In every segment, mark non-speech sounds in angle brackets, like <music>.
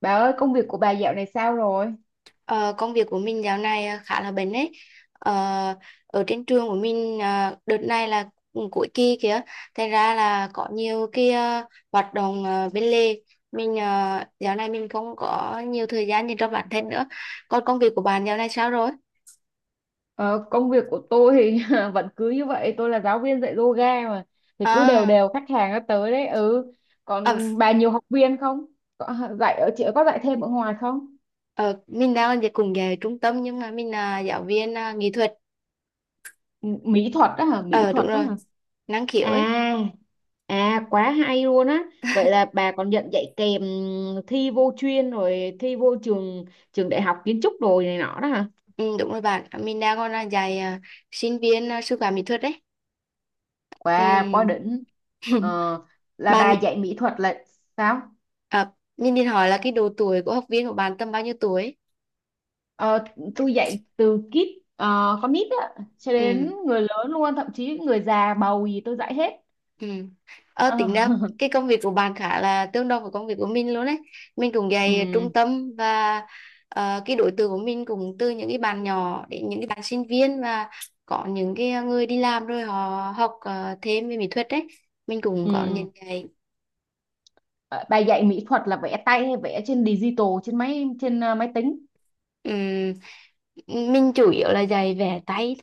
Bà ơi, công việc của bà dạo này sao rồi? Ờ, công việc của mình dạo này khá là bận ấy. Ờ, ở trên trường của mình đợt này là cũng cuối kỳ kìa, thành ra là có nhiều cái hoạt động bên lề. Dạo này mình không có nhiều thời gian dành cho bản thân nữa. Còn công việc của bạn dạo này sao rồi? Ờ, Công việc của tôi thì <laughs> vẫn cứ như vậy, tôi là giáo viên dạy yoga mà. Thì cứ đều À, đều khách hàng nó tới đấy, ừ. ờ, Còn bà nhiều học viên không? Có dạy ở chị có dạy thêm ở ngoài không? ờ, mình đang về trung tâm nhưng mà mình là giáo viên nghệ thuật. Mỹ thuật đó hả? Mỹ Ờ đúng thuật đó rồi, hả? năng khiếu ấy. À, à quá hay luôn á. Vậy là bà còn nhận dạy kèm thi vô chuyên rồi thi vô trường trường đại học kiến trúc rồi này nọ đó hả? Ừ, đúng rồi bạn, mình đang còn là dạy sinh viên sư phạm mỹ thuật đấy. Ừ. Quá quá đỉnh. <laughs> Ờ, là bà Bạn. dạy mỹ thuật là sao? À, mình định hỏi là cái độ tuổi của học viên của bạn tầm bao nhiêu tuổi? Ờ, tôi dạy từ kid, ờ, con nít á cho đến Ừ, người lớn luôn, thậm chí người già bầu gì tôi dạy hết. ừ. Ờ, Ờ, tính ra <laughs> cái công việc của bạn khá là tương đồng với công việc của mình luôn đấy. Mình cũng dạy trung Ừ, tâm và cái đối tượng của mình cũng từ những cái bạn nhỏ đến những cái bạn sinh viên, và có những cái người đi làm rồi họ học thêm về mỹ thuật đấy. Mình cũng có ừ. những cái Ờ, Bà dạy mỹ thuật là vẽ tay hay vẽ trên digital, trên máy, trên máy tính? ừm, mình chủ yếu là dạy vẽ tay,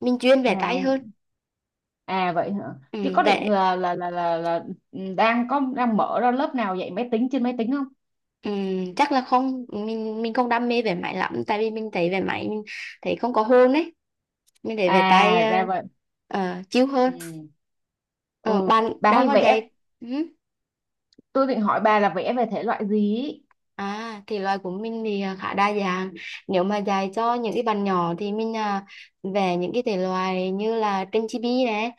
mình chuyên vẽ tay À, hơn. à vậy hả, chứ Ừ, có định vẽ. là ừ, đang có đang mở ra lớp nào dạy máy tính, trên máy tính không? Chắc là không, mình không đam mê về máy lắm, tại vì mình thấy về máy mình thấy không có hồn ấy, mình thấy về tay À ra vậy. uh, chiêu hơn. Ừ, Ờ, ừ, bạn bà đang hay có vẽ, dạy. Ừ. tôi định hỏi bà là vẽ về thể loại gì ý. À thì loại của mình thì khá đa dạng. Nếu mà dạy cho những cái bạn nhỏ thì mình về những cái thể loại như là tranh chibi này,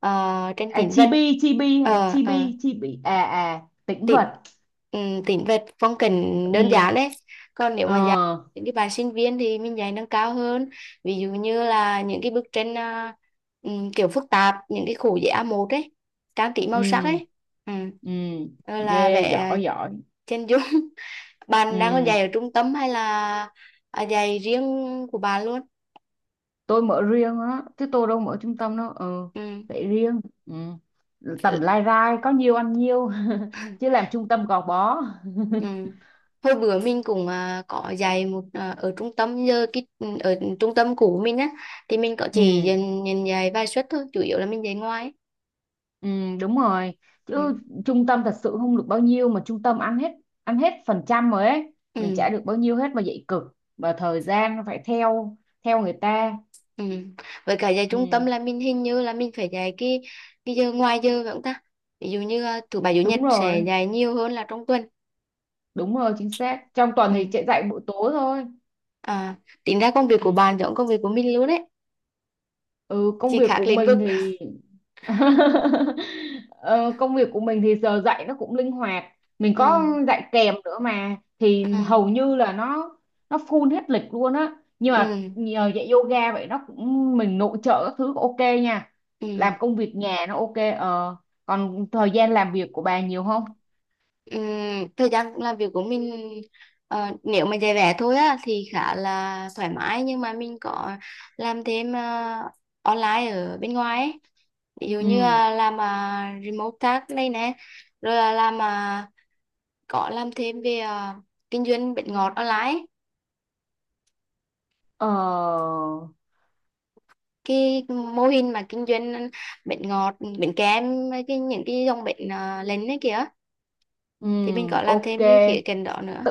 tranh À tĩnh vật. chibi chibi hả? Ờ, ờ. Chibi chibi à, à tĩnh Tính vật. Tính về phong cảnh đơn giản Ừ. đấy. Còn nếu Ờ. mà dạy những cái bạn sinh viên thì mình dạy nâng cao hơn, ví dụ như là những cái bức tranh kiểu phức tạp, những cái khổ giấy A1 ấy, trang trí màu sắc Ừ. ấy, ừ. Ừ Rồi là ghê, vẽ giỏi giỏi. chân dung. <laughs> Bạn đang còn Ừ, dạy ở trung tâm hay là à, dạy riêng của bạn luôn? tôi mở riêng á chứ tôi đâu mở trung tâm đâu. Ừ, Ừ. để riêng. Ừ, tầm lai rai có nhiêu ăn nhiêu <laughs> chứ làm trung tâm gò bó. Ừ. Hồi bữa mình cũng à, có dạy một à, ở trung tâm, giờ cái ừ, ở trung tâm cũ mình á thì mình có chỉ Ừ. dành dạy vài suất thôi, chủ yếu là mình dạy ngoài. Ừ, đúng rồi, Ừ. chứ trung tâm thật sự không được bao nhiêu mà trung tâm ăn hết, ăn hết phần trăm rồi ấy, mình trả Ừ. được bao nhiêu hết mà dạy cực, và thời gian nó phải theo theo người ta. Ừ. Với cả dạy trung Ừ, tâm là mình hình như là mình phải dạy cái giờ ngoài giờ phải không ta, ví dụ như à, thứ bảy chủ nhật đúng sẽ rồi, dạy nhiều hơn là trong tuần. đúng rồi chính xác, trong tuần Ừ. thì chạy dạy buổi tối thôi. À, tính ra công việc của Ừ. bạn giống công việc của mình luôn đấy, Ừ, công chỉ việc khác của lĩnh vực. mình thì <laughs> Ờ, công việc của mình thì giờ dạy nó cũng linh hoạt, mình Ừ. có dạy kèm nữa mà Ừ. thì hầu như là nó full hết lịch luôn á, nhưng mà Ừ. nhờ dạy yoga vậy nó cũng mình nội trợ các thứ ok nha, Ừ. làm công việc nhà nó ok. Ờ Còn thời gian làm việc của bà nhiều không? Ừm, thời gian làm việc của mình nếu mà dạy vẽ thôi á thì khá là thoải mái, nhưng mà mình có làm thêm online ở bên ngoài ấy. Ví dụ như Ừ. là làm remote task đây nè, rồi là làm có làm thêm về kinh doanh bánh ngọt online ấy. Ờ. Cái mô hình mà kinh doanh bánh ngọt, bánh kem, cái những cái dòng bánh lành ấy kìa, Ừ. thì mình có làm Ok, thêm cái khía cạnh đó nữa.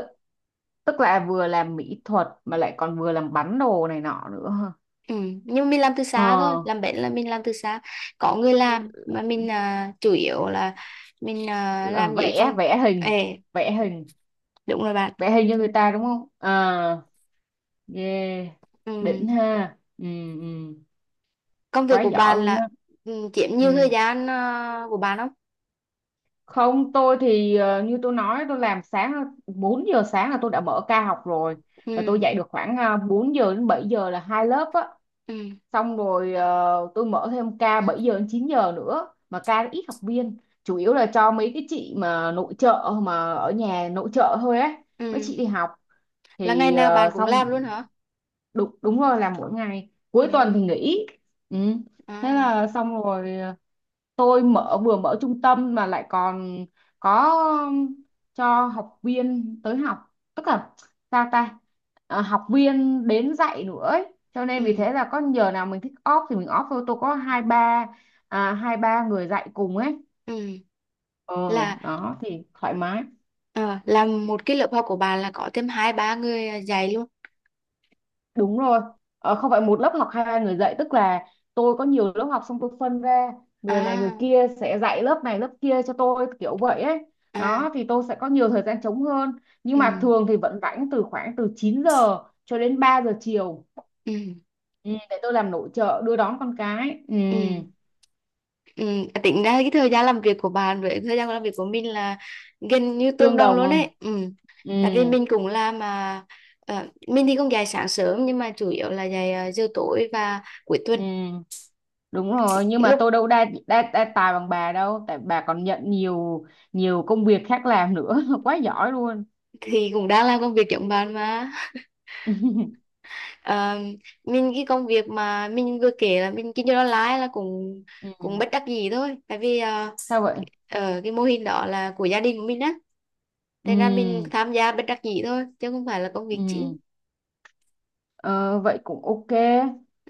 tức là vừa làm mỹ thuật mà lại còn vừa làm bắn đồ này nọ nữa. Ừ, nhưng mình làm từ Ờ, xa thôi, làm bánh là mình làm từ xa, có người làm, mà mình à, chủ yếu là mình à, là làm những vẽ, công. vẽ hình, Ê, vẽ hình, đúng rồi bạn. vẽ hình cho người ta đúng không? Ờ, yeah. Ừ. Đỉnh ha. Ừ, ừ. Công việc Quá của giỏi bạn luôn là á. ừ, chiếm Ừ. nhiều thời gian à, của bạn không? Không, tôi thì như tôi nói tôi làm sáng, 4 giờ sáng là tôi đã mở ca học rồi, Ừ. là tôi dạy được khoảng 4 giờ đến 7 giờ là hai lớp á. Ừ. Xong rồi tôi mở thêm ca 7 giờ đến 9 giờ nữa, mà ca nó ít học viên, chủ yếu là cho mấy cái chị mà nội trợ, mà ở nhà nội trợ thôi ấy, mấy Ừ. chị đi học. Là ngày Thì nào bạn cũng xong. làm luôn hả? Đúng đúng rồi là mỗi ngày, Ừ. cuối tuần thì nghỉ. Ừ. Thế À. là xong rồi. Ờ, tôi mở, vừa mở trung tâm mà lại còn có cho học viên tới học, tức là sao ta. Ờ, học viên đến dạy nữa ấy. Cho nên vì Ừ. thế là có giờ nào mình thích off thì mình off thôi, tôi có hai ba hai ba người dạy cùng ấy. Ừ. Ờ, Là đó thì thoải mái. ờ, làm một cái lớp học của bạn là có thêm hai ba người à, dạy luôn? Đúng rồi, không phải một lớp học hai người dạy, tức là tôi có nhiều lớp học xong tôi phân ra, người này người À. kia sẽ dạy lớp này lớp kia cho tôi kiểu vậy ấy. À. Đó thì tôi sẽ có nhiều thời gian trống hơn, nhưng Ừ. mà thường thì vẫn rảnh từ khoảng từ 9 giờ cho đến 3 giờ chiều, Ừ. ừ, để tôi làm nội trợ đưa đón con cái. Ừ, Ừ. Ừ, tính ra cái thời gian làm việc của bạn với thời gian làm việc của mình là gần như tương tương đương đồng luôn không? đấy. Ừ. Ừ, Tại vì mình cũng làm mà mình thì không dạy sáng sớm, nhưng mà chủ yếu là dạy giờ tối và cuối tuần. ừ, đúng Cái rồi, nhưng mà lúc tôi đâu đa tài bằng bà đâu, tại bà còn nhận nhiều nhiều công việc khác làm nữa. <laughs> Quá giỏi luôn. thì cũng đang làm công việc giống bạn mà. <laughs> <laughs> Ờ, mình cái công việc mà mình vừa kể là mình kinh doanh online là cũng Ừ, cũng bất đắc dĩ thôi. Tại vì sao vậy? Cái mô hình đó là của gia đình của mình á. Ừ, Thế ra mình tham gia bất đắc dĩ thôi, chứ không phải là công việc ừ, chính. ờ, vậy cũng ok.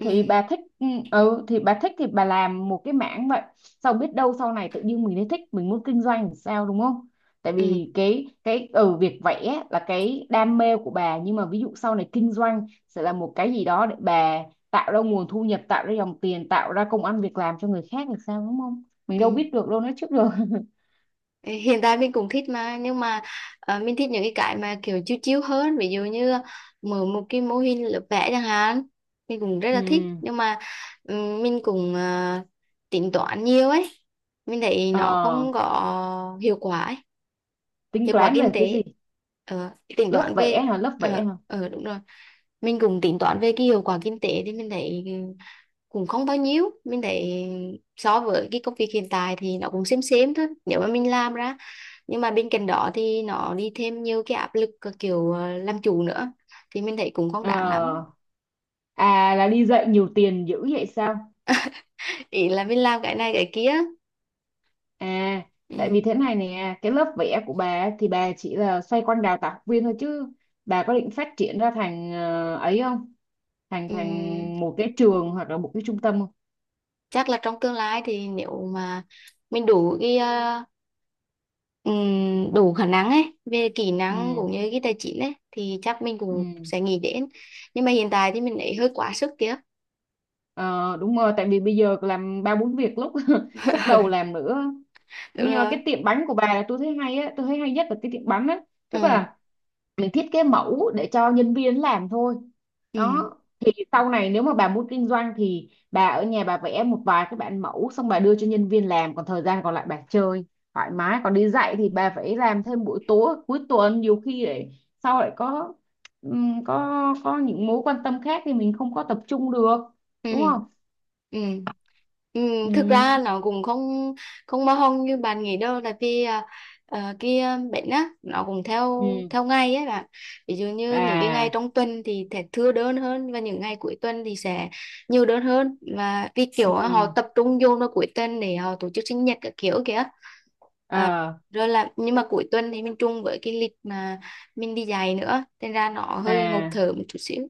Thì bà thích, ừ, ừ, thì bà thích thì bà làm một cái mảng vậy. Xong biết đâu sau này tự nhiên mình lại thích, mình muốn kinh doanh thì sao đúng không? Tại vì Ừ. Cái ừ, việc vẽ là cái đam mê của bà, nhưng mà ví dụ sau này kinh doanh sẽ là một cái gì đó để bà tạo ra nguồn thu nhập, tạo ra dòng tiền, tạo ra công ăn việc làm cho người khác thì sao đúng không? Mình Ừ. đâu biết được đâu, nói trước được. <laughs> Hiện tại mình cũng thích mà, nhưng mà mình thích những cái mà kiểu chiếu chiếu hơn, ví dụ như mở một cái mô hình lớp vẽ chẳng hạn, mình cũng rất là thích. Ừ, Nhưng mà mình cũng tính toán nhiều ấy, mình thấy nó ờ, không có hiệu quả ấy. tính Hiệu quả toán kinh về cái gì? tế. Ờ, tính Lớp toán vẽ về. hả? Lớp vẽ hả? Đúng rồi, mình cũng tính toán về cái hiệu quả kinh tế thì mình thấy cũng không bao nhiêu, mình thấy so với cái công việc hiện tại thì nó cũng xem thôi nếu mà mình làm ra. Nhưng mà bên cạnh đó thì nó đi thêm nhiều cái áp lực, cái kiểu làm chủ nữa, thì mình thấy cũng không đáng lắm. Ờ, à là đi dạy nhiều tiền dữ vậy sao? Ý là mình làm cái này cái kia. À, tại vì Ừ. thế này nè, cái lớp vẽ của bà ấy thì bà chỉ là xoay quanh đào tạo học viên thôi, chứ bà có định phát triển ra thành ấy không? Thành Ừ. thành một cái trường hoặc là một cái trung tâm không? Chắc là trong tương lai thì nếu mà mình đủ cái đủ khả năng ấy về kỹ năng Ừ, cũng như cái tài chính ấy, thì chắc mình cũng ừ. sẽ nghĩ đến. Nhưng mà hiện tại thì mình ấy hơi quá sức kia. Ờ, đúng rồi, tại vì bây giờ làm ba bốn việc lúc <laughs> sức đầu <laughs> làm nữa. Đúng Nhưng mà rồi. cái tiệm bánh của bà là tôi thấy hay á, tôi thấy hay nhất là cái tiệm bánh á. Tức Ừ. là để thiết kế mẫu để cho nhân viên làm thôi, Ừ. đó thì sau này nếu mà bà muốn kinh doanh thì bà ở nhà bà vẽ một vài cái bản mẫu xong bà đưa cho nhân viên làm, còn thời gian còn lại bà chơi thoải mái, còn đi dạy thì bà phải làm thêm buổi tối cuối tuần, nhiều khi để sau lại có có những mối quan tâm khác thì mình không có tập trung được đúng Ừ. không. Ừ. Ừ, Ừ, thực ra nó cũng không không bao hông như bạn nghĩ đâu, tại vì à, cái à, bệnh á nó cũng theo ừ, theo ngày ấy bạn. Ví dụ như những cái ngày à, trong tuần thì sẽ thưa đơn hơn, và những ngày cuối tuần thì sẽ nhiều đơn hơn, và vì kiểu ừ, á, họ tập trung vô vào cuối tuần để họ tổ chức sinh nhật các kiểu kìa. Ờ, à, rồi là nhưng mà cuối tuần thì mình chung với cái lịch mà mình đi dạy nữa, nên ra nó hơi ngộp à. thở một chút xíu.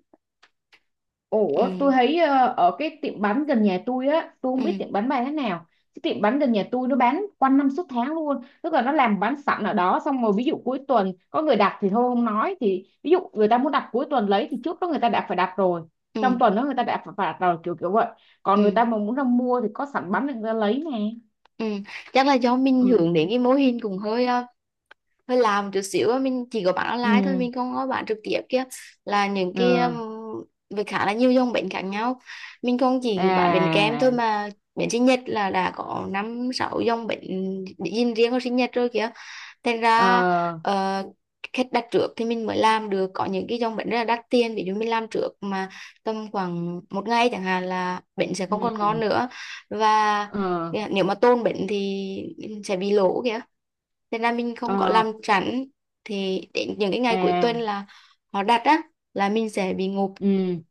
Ừ. Ủa, tôi thấy ở cái tiệm bánh gần nhà tôi á, tôi không biết Ừ. tiệm bánh bán thế nào. Cái tiệm bánh gần nhà tôi nó bán quanh năm suốt tháng luôn. Tức là nó làm bán sẵn ở đó, xong rồi ví dụ cuối tuần có người đặt thì thôi không nói, thì ví dụ người ta muốn đặt cuối tuần lấy thì trước đó người ta đã phải đặt rồi. Trong Ừ. tuần đó người ta đã phải đặt rồi kiểu kiểu vậy. Còn người Ừ. ta mà muốn ra mua thì có sẵn bánh để người ta lấy nè. Ừ, chắc là do mình Ừ. hướng đến cái mô hình cũng hơi hơi làm chút xíu á. Mình chỉ có bán online thôi, Ừ, mình không có bán trực tiếp kia, là những cái ừ, với khá là nhiều dòng bánh khác nhau, mình không chỉ bán bánh kem thôi à, mà bánh sinh nhật là đã có năm sáu dòng bánh dinh riêng của sinh nhật rồi kìa. Thành ờ, ra ờ, khách đặt trước thì mình mới làm được, có những cái dòng bánh rất là đắt tiền ví dụ mình làm trước mà tầm khoảng một ngày chẳng hạn là bánh sẽ không còn ngon ừ, nữa, và ờ, nếu mà tôn bánh thì sẽ bị lỗ kìa. Nên là mình không có ờ, làm chắn, thì đến những cái ngày cuối tuần à, là họ đặt á, là mình sẽ bị ngộp, ừ,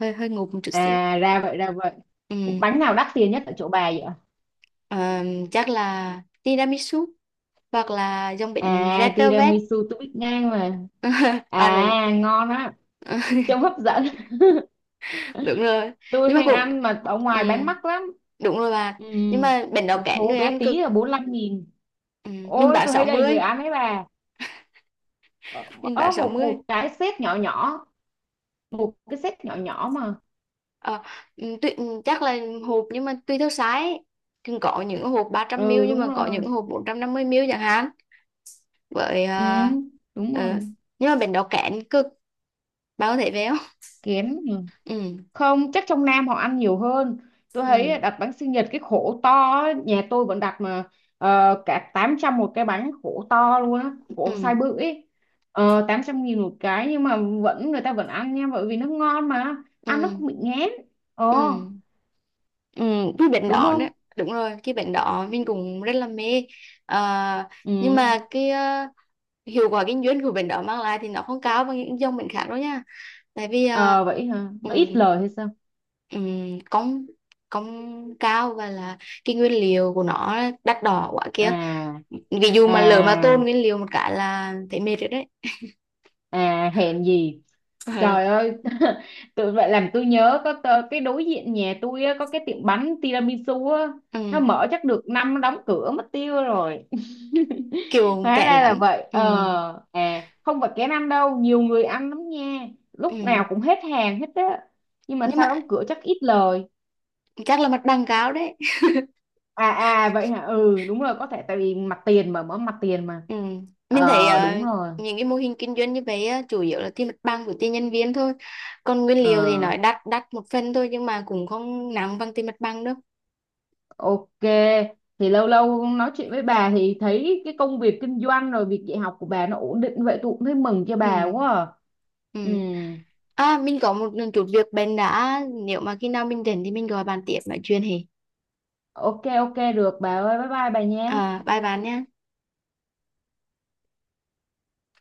hơi hơi ngộp một chút xíu. à ra vậy, ra vậy. Ừ. Bánh nào đắt tiền nhất ở chỗ bà vậy ạ? Ờ, chắc là tiramisu hoặc là dòng bánh red À velvet. tiramisu tôi biết ngang mà. <laughs> Bạn cũng À ngon á, trông hấp dẫn. <laughs> đúng rồi. Nhưng Tôi mà hay cũng ăn mà ở ừ, ngoài bán mắc lắm. đúng rồi bà. Ừ, Nhưng mà bệnh đó một kén thố người bé ăn cực. tí là 45 nghìn. Ừ, mình Ôi bán tôi sáu thấy đầy người mươi, ăn ấy bà, mình ở bán một 60 một cái set nhỏ nhỏ, một cái set nhỏ nhỏ mà. ờ, chắc là hộp, nhưng mà tùy theo size thì có những hộp Ừ, 300ml, nhưng đúng mà có rồi. những hộp 450ml chẳng hạn. Với Ừ, đúng ờ, rồi, nhưng mà bệnh đó kén cực. Bà có thể về không? kén. <laughs> Ừ. Không, chắc trong Nam họ ăn nhiều hơn. Tôi thấy Ừ. đặt bánh sinh nhật cái khổ to á, nhà tôi vẫn đặt mà cả 800 một cái bánh khổ to luôn á, Ừ. khổ size bự ấy. Ờ, 800 nghìn một cái, nhưng mà vẫn người ta vẫn ăn nha, bởi vì nó ngon mà, Ừ. ăn nó không bị ngán. Ờ, Ừ. Ừ, cái bệnh đúng đỏ nữa. không. Đúng rồi, cái bệnh đỏ mình cũng rất là mê. À, Ừ, nhưng mà cái hiệu quả kinh doanh của bệnh đỏ mang lại thì nó không cao bằng những dòng bệnh khác đâu nha. Tại vì ờ vậy hả, nó ít um, lời hay sao? Công công cao, và là cái nguyên liệu của nó đắt đỏ quá kia. À, Ví dụ mà lỡ mà tôn à, nguyên liệu một cái là thấy mệt rồi đấy. à hèn gì. <laughs> Trời ơi, <laughs> tự vậy làm tôi nhớ có cái đối diện nhà tôi á, có cái tiệm bánh tiramisu á, Ờ, ừ, nó mở chắc được năm nó đóng cửa mất tiêu rồi. <laughs> kiểu Hóa kẹt ra là lắm. vậy. Ừ, Ờ, à không phải kén ăn đâu, nhiều người ăn lắm nha. ừ. Lúc nào cũng hết hàng hết á. Nhưng mà Nhưng mà sao đóng cửa, chắc ít lời. chắc là mặt bằng cao đấy. À à vậy hả? Ừ đúng rồi, có thể tại vì mặt tiền, mà mở mặt tiền mà. Ừ. Mình thấy Ờ đúng rồi. những cái mô hình kinh doanh như vậy á, chủ yếu là tiền mặt bằng của tiền nhân viên thôi. Còn nguyên liệu thì Ờ nói đắt đắt một phần thôi, nhưng mà cũng không nặng bằng tiền mặt bằng đâu. ok, thì lâu lâu nói chuyện với bà thì thấy cái công việc kinh doanh rồi việc dạy học của bà nó ổn định vậy, tôi cũng thấy mừng cho Ừ. bà quá. À. Ừ. Ừ, À mình có một chút việc bên đã, nếu mà khi nào mình rảnh thì mình gọi bạn tiếp nói chuyện thì. ok ok được bà ơi, bye bye bà nhé. À bye bạn nhé.